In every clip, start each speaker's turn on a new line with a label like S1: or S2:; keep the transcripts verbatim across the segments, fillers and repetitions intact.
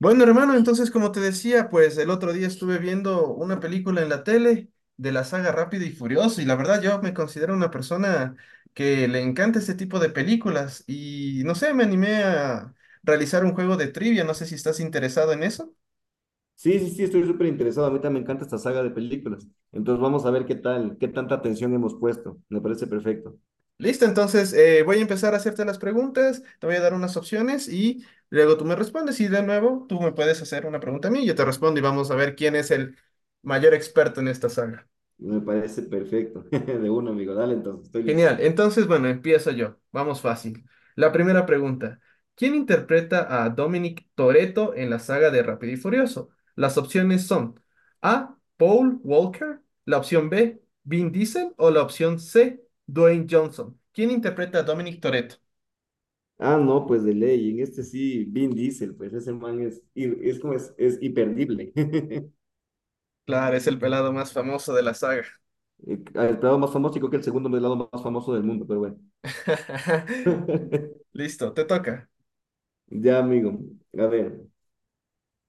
S1: Bueno, hermano, entonces como te decía, pues el otro día estuve viendo una película en la tele de la saga Rápido y Furioso y la verdad yo me considero una persona que le encanta este tipo de películas y no sé, me animé a realizar un juego de trivia, no sé si estás interesado en eso.
S2: Sí, sí, sí, estoy súper interesado. A mí también me encanta esta saga de películas. Entonces vamos a ver qué tal, qué tanta atención hemos puesto. Me parece perfecto.
S1: Listo, entonces eh, voy a empezar a hacerte las preguntas, te voy a dar unas opciones y luego tú me respondes y de nuevo tú me puedes hacer una pregunta a mí, yo te respondo y vamos a ver quién es el mayor experto en esta saga.
S2: Me parece perfecto. De uno, amigo. Dale, entonces, estoy listo.
S1: Genial. Entonces, bueno, empiezo yo. Vamos fácil. La primera pregunta. ¿Quién interpreta a Dominic Toretto en la saga de Rápido y Furioso? Las opciones son A. Paul Walker, la opción B. Vin Diesel o la opción C. Dwayne Johnson. ¿Quién interpreta a Dominic Toretto?
S2: Ah, no, pues de ley. En este sí, Vin Diesel, pues ese man es, ir- es como es, es imperdible.
S1: Claro, es el pelado más famoso de la saga.
S2: Eh, El lado más famoso, y creo que el segundo lado más famoso del mundo, pero bueno.
S1: Listo, te toca.
S2: Ya, amigo. A ver.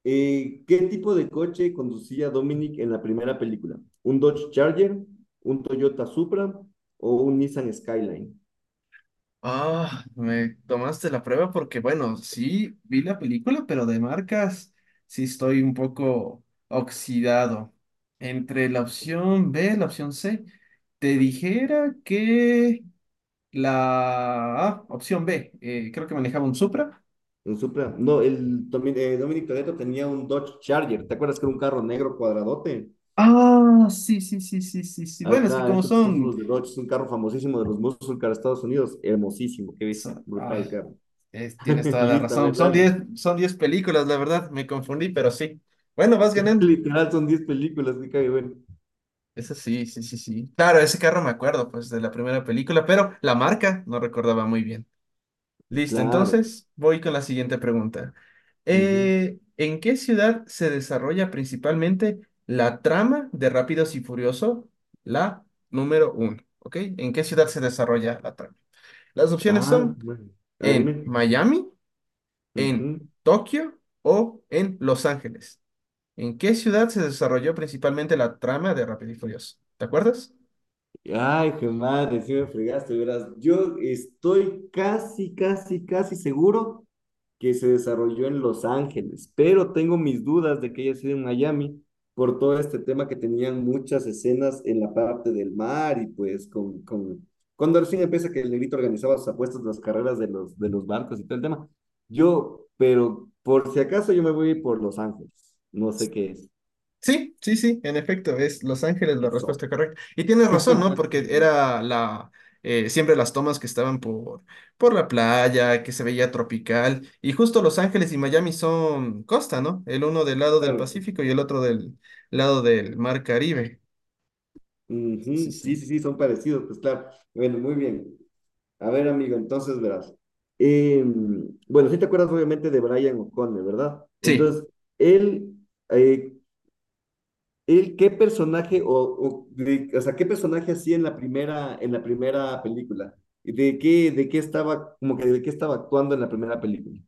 S2: Eh, ¿qué tipo de coche conducía Dominic en la primera película? ¿Un Dodge Charger, un Toyota Supra o un Nissan Skyline?
S1: Ah, me tomaste la prueba porque, bueno, sí vi la película, pero de marcas sí estoy un poco oxidado. Entre la opción B, la opción C, te dijera que la ah, opción B, eh, creo que manejaba un Supra.
S2: Un Supra. No, el Domi- eh, Dominic Toretto tenía un Dodge Charger. ¿Te acuerdas que era un carro negro cuadradote?
S1: Ah, sí, sí, sí, sí, sí, sí. Bueno, es que
S2: Ajá,
S1: como
S2: entonces todos
S1: son,
S2: los de Dodge es un carro famosísimo de los muscles de Estados Unidos. Hermosísimo, qué viste.
S1: son- ah,
S2: Brutal carro.
S1: es- tienes toda la
S2: Listo, a
S1: razón.
S2: ver,
S1: Son
S2: dale.
S1: diez son diez películas, la verdad, me confundí, pero sí. Bueno, vas ganando.
S2: Literal son diez películas, qué cague bueno.
S1: Eso sí, sí, sí, sí. Claro, ese carro me acuerdo, pues, de la primera película, pero la marca no recordaba muy bien. Listo,
S2: Claro.
S1: entonces voy con la siguiente pregunta.
S2: Ujú.
S1: Eh, ¿en qué ciudad se desarrolla principalmente la trama de Rápidos y Furioso, la número uno? ¿Ok? ¿En qué ciudad se desarrolla la trama? Las opciones
S2: Ah,
S1: son
S2: bueno. A ver,
S1: en
S2: dime.
S1: Miami, en
S2: Ujú.
S1: Tokio o en Los Ángeles. ¿En qué ciudad se desarrolló principalmente la trama de Rápido y Furioso? ¿Te acuerdas?
S2: Ay, qué madre, sí me fregaste, verás. Yo estoy casi, casi, casi seguro que se desarrolló en Los Ángeles, pero tengo mis dudas de que haya sido en Miami por todo este tema que tenían muchas escenas en la parte del mar y pues con, con... Cuando al fin empieza que el negrito organizaba sus apuestas, las carreras de los, de los barcos y todo el tema. Yo, pero por si acaso yo me voy por Los Ángeles, no sé qué es
S1: Sí, sí, sí, en efecto, es Los Ángeles la
S2: eso.
S1: respuesta correcta. Y tienes razón, ¿no? Porque era la eh, siempre las tomas que estaban por, por la playa, que se veía tropical. Y justo Los Ángeles y Miami son costa, ¿no? El uno del lado del
S2: Claro.
S1: Pacífico y el otro del lado del Mar Caribe. Sí, sí,
S2: Ujú. Sí,
S1: sí.
S2: sí, sí, son parecidos, pues claro. Bueno, muy bien. A ver, amigo, entonces verás. Em, bueno, sí te acuerdas obviamente de Brian O'Connor, ¿verdad?
S1: Sí,
S2: Entonces, él, eh, él ¿qué personaje o, o de- o sea, qué personaje hacía en la primera, en la primera película? ¿De qué, de qué estaba, como que de qué estaba actuando en la primera película?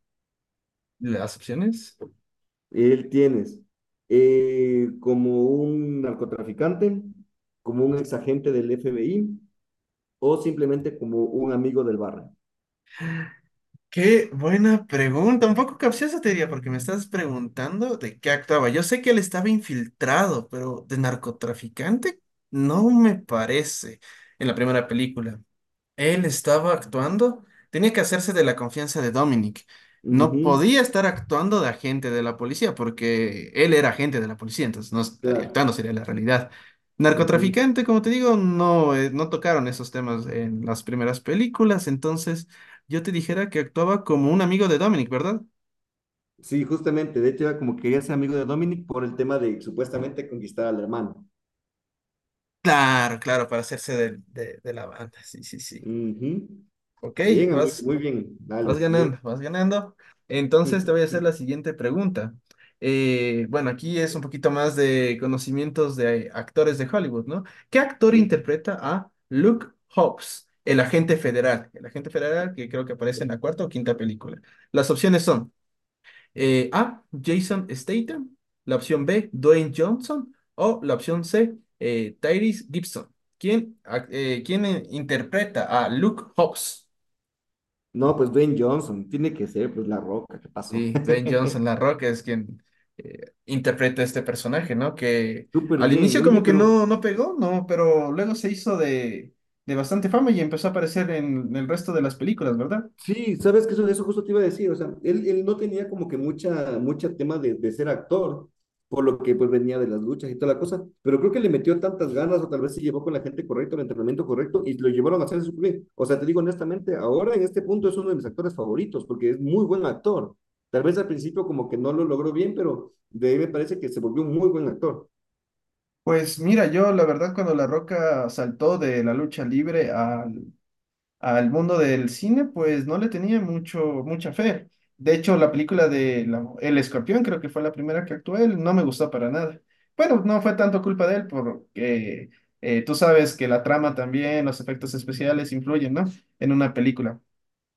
S1: las opciones.
S2: Él tienes eh, como un narcotraficante, como un exagente del F B I o simplemente como un amigo del barrio.
S1: Qué buena pregunta, un poco capciosa te diría, porque me estás preguntando de qué actuaba. Yo sé que él estaba infiltrado, pero de narcotraficante no me parece en la primera película. Él estaba actuando, tenía que hacerse de la confianza de Dominic. No
S2: Ujú,
S1: podía estar actuando de agente de la policía porque él era agente de la policía, entonces no estaría
S2: claro.
S1: actuando, sería la realidad.
S2: Ujú.
S1: Narcotraficante, como te digo, no, eh, no tocaron esos temas en las primeras películas, entonces yo te dijera que actuaba como un amigo de Dominic, ¿verdad?
S2: Sí, justamente. De hecho, era como quería ser amigo de Dominic por el tema de supuestamente conquistar al hermano.
S1: Claro, claro, para hacerse de, de- de la banda, sí, sí, sí.
S2: Ujú.
S1: Ok,
S2: Bien, amigo,
S1: vas.
S2: muy bien. Dale,
S1: Vas
S2: siguiente.
S1: ganando, vas ganando. Entonces te voy a hacer la siguiente pregunta. Eh, bueno, aquí es un poquito más de conocimientos de actores de Hollywood, ¿no? ¿Qué actor
S2: Y-
S1: interpreta a Luke Hobbs, el agente federal? El agente federal que creo que aparece en la cuarta o quinta película. Las opciones son eh, A, Jason Statham, la opción B, Dwayne Johnson o la opción C, eh, Tyrese Gibson. ¿Quién, ac- eh, quién eh, interpreta a Luke Hobbs?
S2: No, pues Dwayne Johnson, tiene que ser, pues La Roca, ¿qué pasó?
S1: Sí, Dwayne Johnson, La Roca es quien eh, interpreta este personaje, ¿no? Que
S2: Súper
S1: al
S2: bien.
S1: inicio
S2: Oye,
S1: como que
S2: pero
S1: no, no pegó, ¿no? Pero luego se hizo de, de bastante fama y empezó a aparecer en el resto de las películas, ¿verdad?
S2: sí, sabes que eso, eso justo te iba a decir, o sea, él, él no tenía como que mucha, mucha tema de, de ser actor, por lo que pues venía de las luchas y toda la cosa, pero creo que le metió tantas ganas o tal vez se llevó con la gente correcta, el entrenamiento correcto y lo llevaron a hacer su bien. O sea, te digo honestamente, ahora en este punto es uno de mis actores favoritos porque es muy buen actor. Tal vez al principio como que no lo logró bien, pero de ahí me parece que se volvió un muy buen actor.
S1: Pues mira, yo la verdad cuando La Roca saltó de la lucha libre a al mundo del cine, pues no le tenía mucho, mucha fe. De hecho, la película de la- El Escorpión creo que fue la primera que actué, él no me gustó para nada. Bueno, no fue tanto culpa de él porque eh, tú sabes que la trama también, los efectos especiales influyen, ¿no? En una película.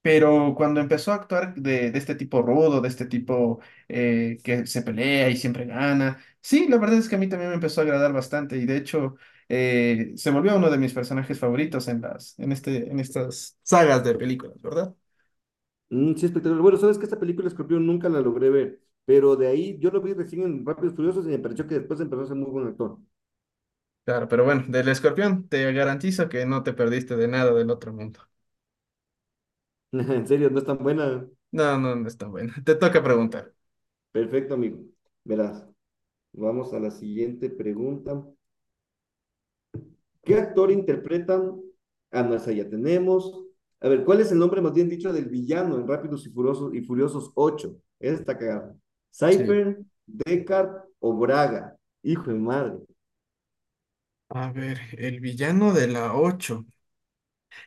S1: Pero cuando empezó a actuar de, de este tipo rudo, de este tipo eh, que se pelea y siempre gana, sí, la verdad es que a mí también me empezó a agradar bastante y de hecho eh, se volvió uno de mis personajes favoritos en las, en este, en estas sagas de películas, ¿verdad?
S2: Mm, sí, espectacular. Bueno, sabes que esta película Escorpión nunca la logré ver, pero de ahí yo lo vi recién en Rápidos y Furiosos y me pareció que después empezó a ser muy buen actor.
S1: Claro, pero bueno, del escorpión te garantizo que no te perdiste de nada del otro mundo.
S2: En serio, no es tan buena.
S1: No, no, no es tan bueno. Te toca preguntar.
S2: Perfecto, amigo. Verás, vamos a la siguiente pregunta. ¿Qué actor interpretan? Ah, no, esa ya tenemos. A ver, ¿cuál es el nombre más bien dicho del villano en Rápidos y Furiosos y Furiosos ocho? Esa está cagada.
S1: Sí.
S2: ¿Cypher, Deckard o Braga? Hijo de madre.
S1: A ver, el villano de la ocho.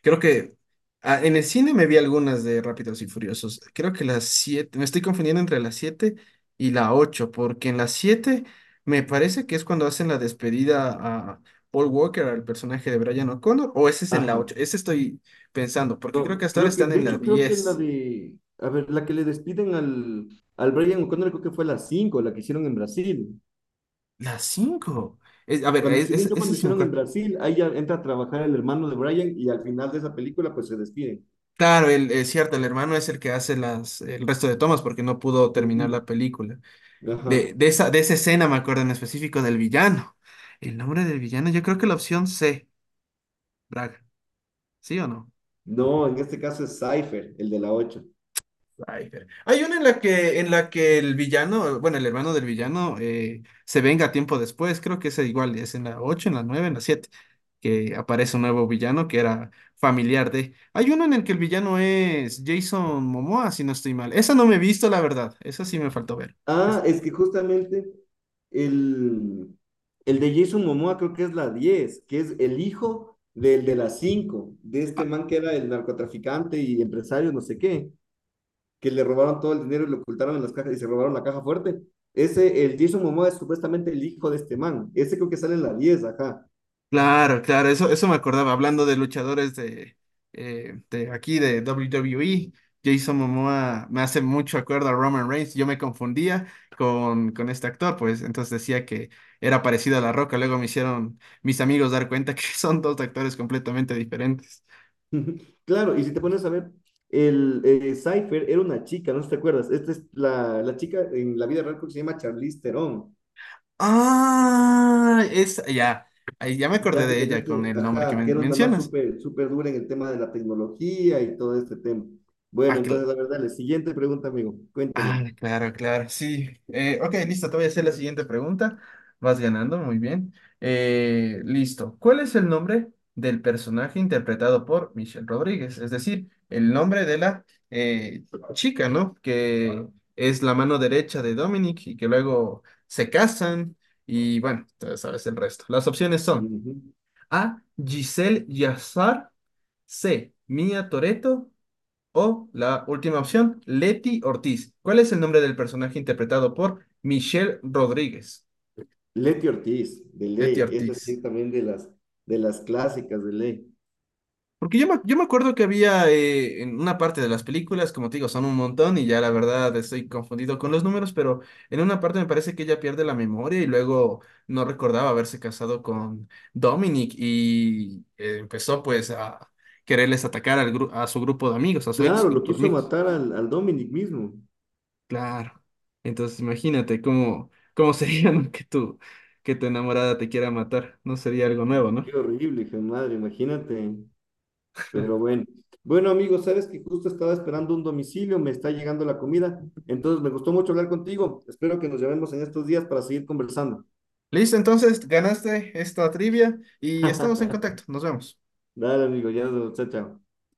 S1: Creo que ah, en el cine me vi algunas de Rápidos y Furiosos. Creo que las siete me estoy confundiendo entre las siete y la ocho porque en las siete me parece que es cuando hacen la despedida a Paul Walker, al personaje de Brian O'Connor, o ese es en la
S2: Ajá.
S1: ocho, ese estoy pensando, porque creo que
S2: No,
S1: hasta ahora
S2: creo que,
S1: están
S2: de
S1: en la
S2: hecho, creo que la
S1: diez
S2: de, a ver, la que le despiden al, al Brian O'Connor, creo que fue la cinco, la que hicieron en Brasil.
S1: La cinco. Es- a ver,
S2: Cuando,
S1: e-
S2: según
S1: ese,
S2: yo,
S1: ese
S2: cuando
S1: sí me
S2: hicieron en
S1: acuerdo.
S2: Brasil, ahí ya entra a trabajar el hermano de Brian y al final de esa película pues se despiden.
S1: Claro, el, es cierto, el hermano es el que hace las, el resto de tomas porque no pudo terminar
S2: Ujú.
S1: la película.
S2: Ajá.
S1: De, de esa, de esa escena me acuerdo en específico del villano. El nombre del villano, yo creo que la opción C, Braga. ¿Sí o no?
S2: No, en este caso es Cypher, el de la ocho.
S1: Rider. Hay una en la que, en la que el villano, bueno, el hermano del villano, eh, se venga tiempo después, creo que es igual, es en la ocho, en la nueve, en la siete que aparece un nuevo villano que era familiar de... Hay uno en el que el villano es Jason Momoa, si no estoy mal. Esa no me he visto, la verdad, esa sí me faltó ver.
S2: Ah, es que justamente el, el de Jason Momoa creo que es la diez que es el hijo del de la cinco de este man que era el narcotraficante y empresario, no sé qué, que le robaron todo el dinero y lo ocultaron en las cajas y se robaron la caja fuerte. Ese, el Jason Momoa es supuestamente el hijo de este man. Ese creo que sale en la diez, ajá.
S1: Claro, claro, eso, eso me acordaba, hablando de luchadores de, eh, de aquí de W W E. Jason Momoa me hace mucho acuerdo a Roman Reigns, yo me confundía con, con este actor, pues entonces decía que era parecido a La Roca, luego me hicieron mis amigos dar cuenta que son dos actores completamente diferentes.
S2: Claro, y si te pones a ver, el eh, Cypher era una chica, no sé si te acuerdas. Esta es la, la chica en la vida real creo que se llama Charlize Theron.
S1: Ah, es, ya, ahí ya me acordé
S2: Date
S1: de
S2: que
S1: ella con
S2: este,
S1: el nombre que
S2: ajá, que
S1: men-
S2: era una más
S1: mencionas.
S2: súper súper dura en el tema de la tecnología y todo este tema. Bueno, entonces, la verdad, la siguiente pregunta, amigo,
S1: Ah,
S2: cuénteme.
S1: claro, claro, sí. Eh, ok, listo, te voy a hacer la siguiente pregunta. Vas ganando, muy bien. Eh, listo. ¿Cuál es el nombre del personaje interpretado por Michelle Rodríguez? Es decir, el nombre de la eh, chica, ¿no? Que es la mano derecha de Dominic y que luego se casan y bueno, tú sabes el resto. Las opciones son
S2: Ujú.
S1: A, Giselle Yazar, C, Mia Toretto o la última opción, Leti Ortiz. ¿Cuál es el nombre del personaje interpretado por Michelle Rodríguez?
S2: Leti Ortiz, de
S1: Leti
S2: ley, esa sí
S1: Ortiz.
S2: es también de las, de las clásicas de ley.
S1: Porque yo me, yo me acuerdo que había eh, en una parte de las películas, como te digo, son un montón y ya la verdad estoy confundido con los números, pero en una parte me parece que ella pierde la memoria y luego no recordaba haberse casado con Dominic y eh, empezó pues a quererles atacar al gru- a su grupo de amigos, a su ex
S2: Claro, lo
S1: grupo de
S2: quiso
S1: amigos.
S2: matar al, al Dominic mismo.
S1: Claro. Entonces imagínate cómo, cómo sería, ¿no? que tu, que tu enamorada te quiera matar. No sería algo nuevo, ¿no?
S2: Qué horrible, hija de madre, imagínate. Pero bueno, bueno amigos, sabes que justo estaba esperando un domicilio, me está llegando la comida, entonces me gustó mucho hablar contigo. Espero que nos llevemos en estos días para seguir conversando.
S1: Listo, entonces ganaste esta trivia y estamos en contacto. Nos vemos.
S2: Dale, amigo, ya nos vemos. Chao, chao.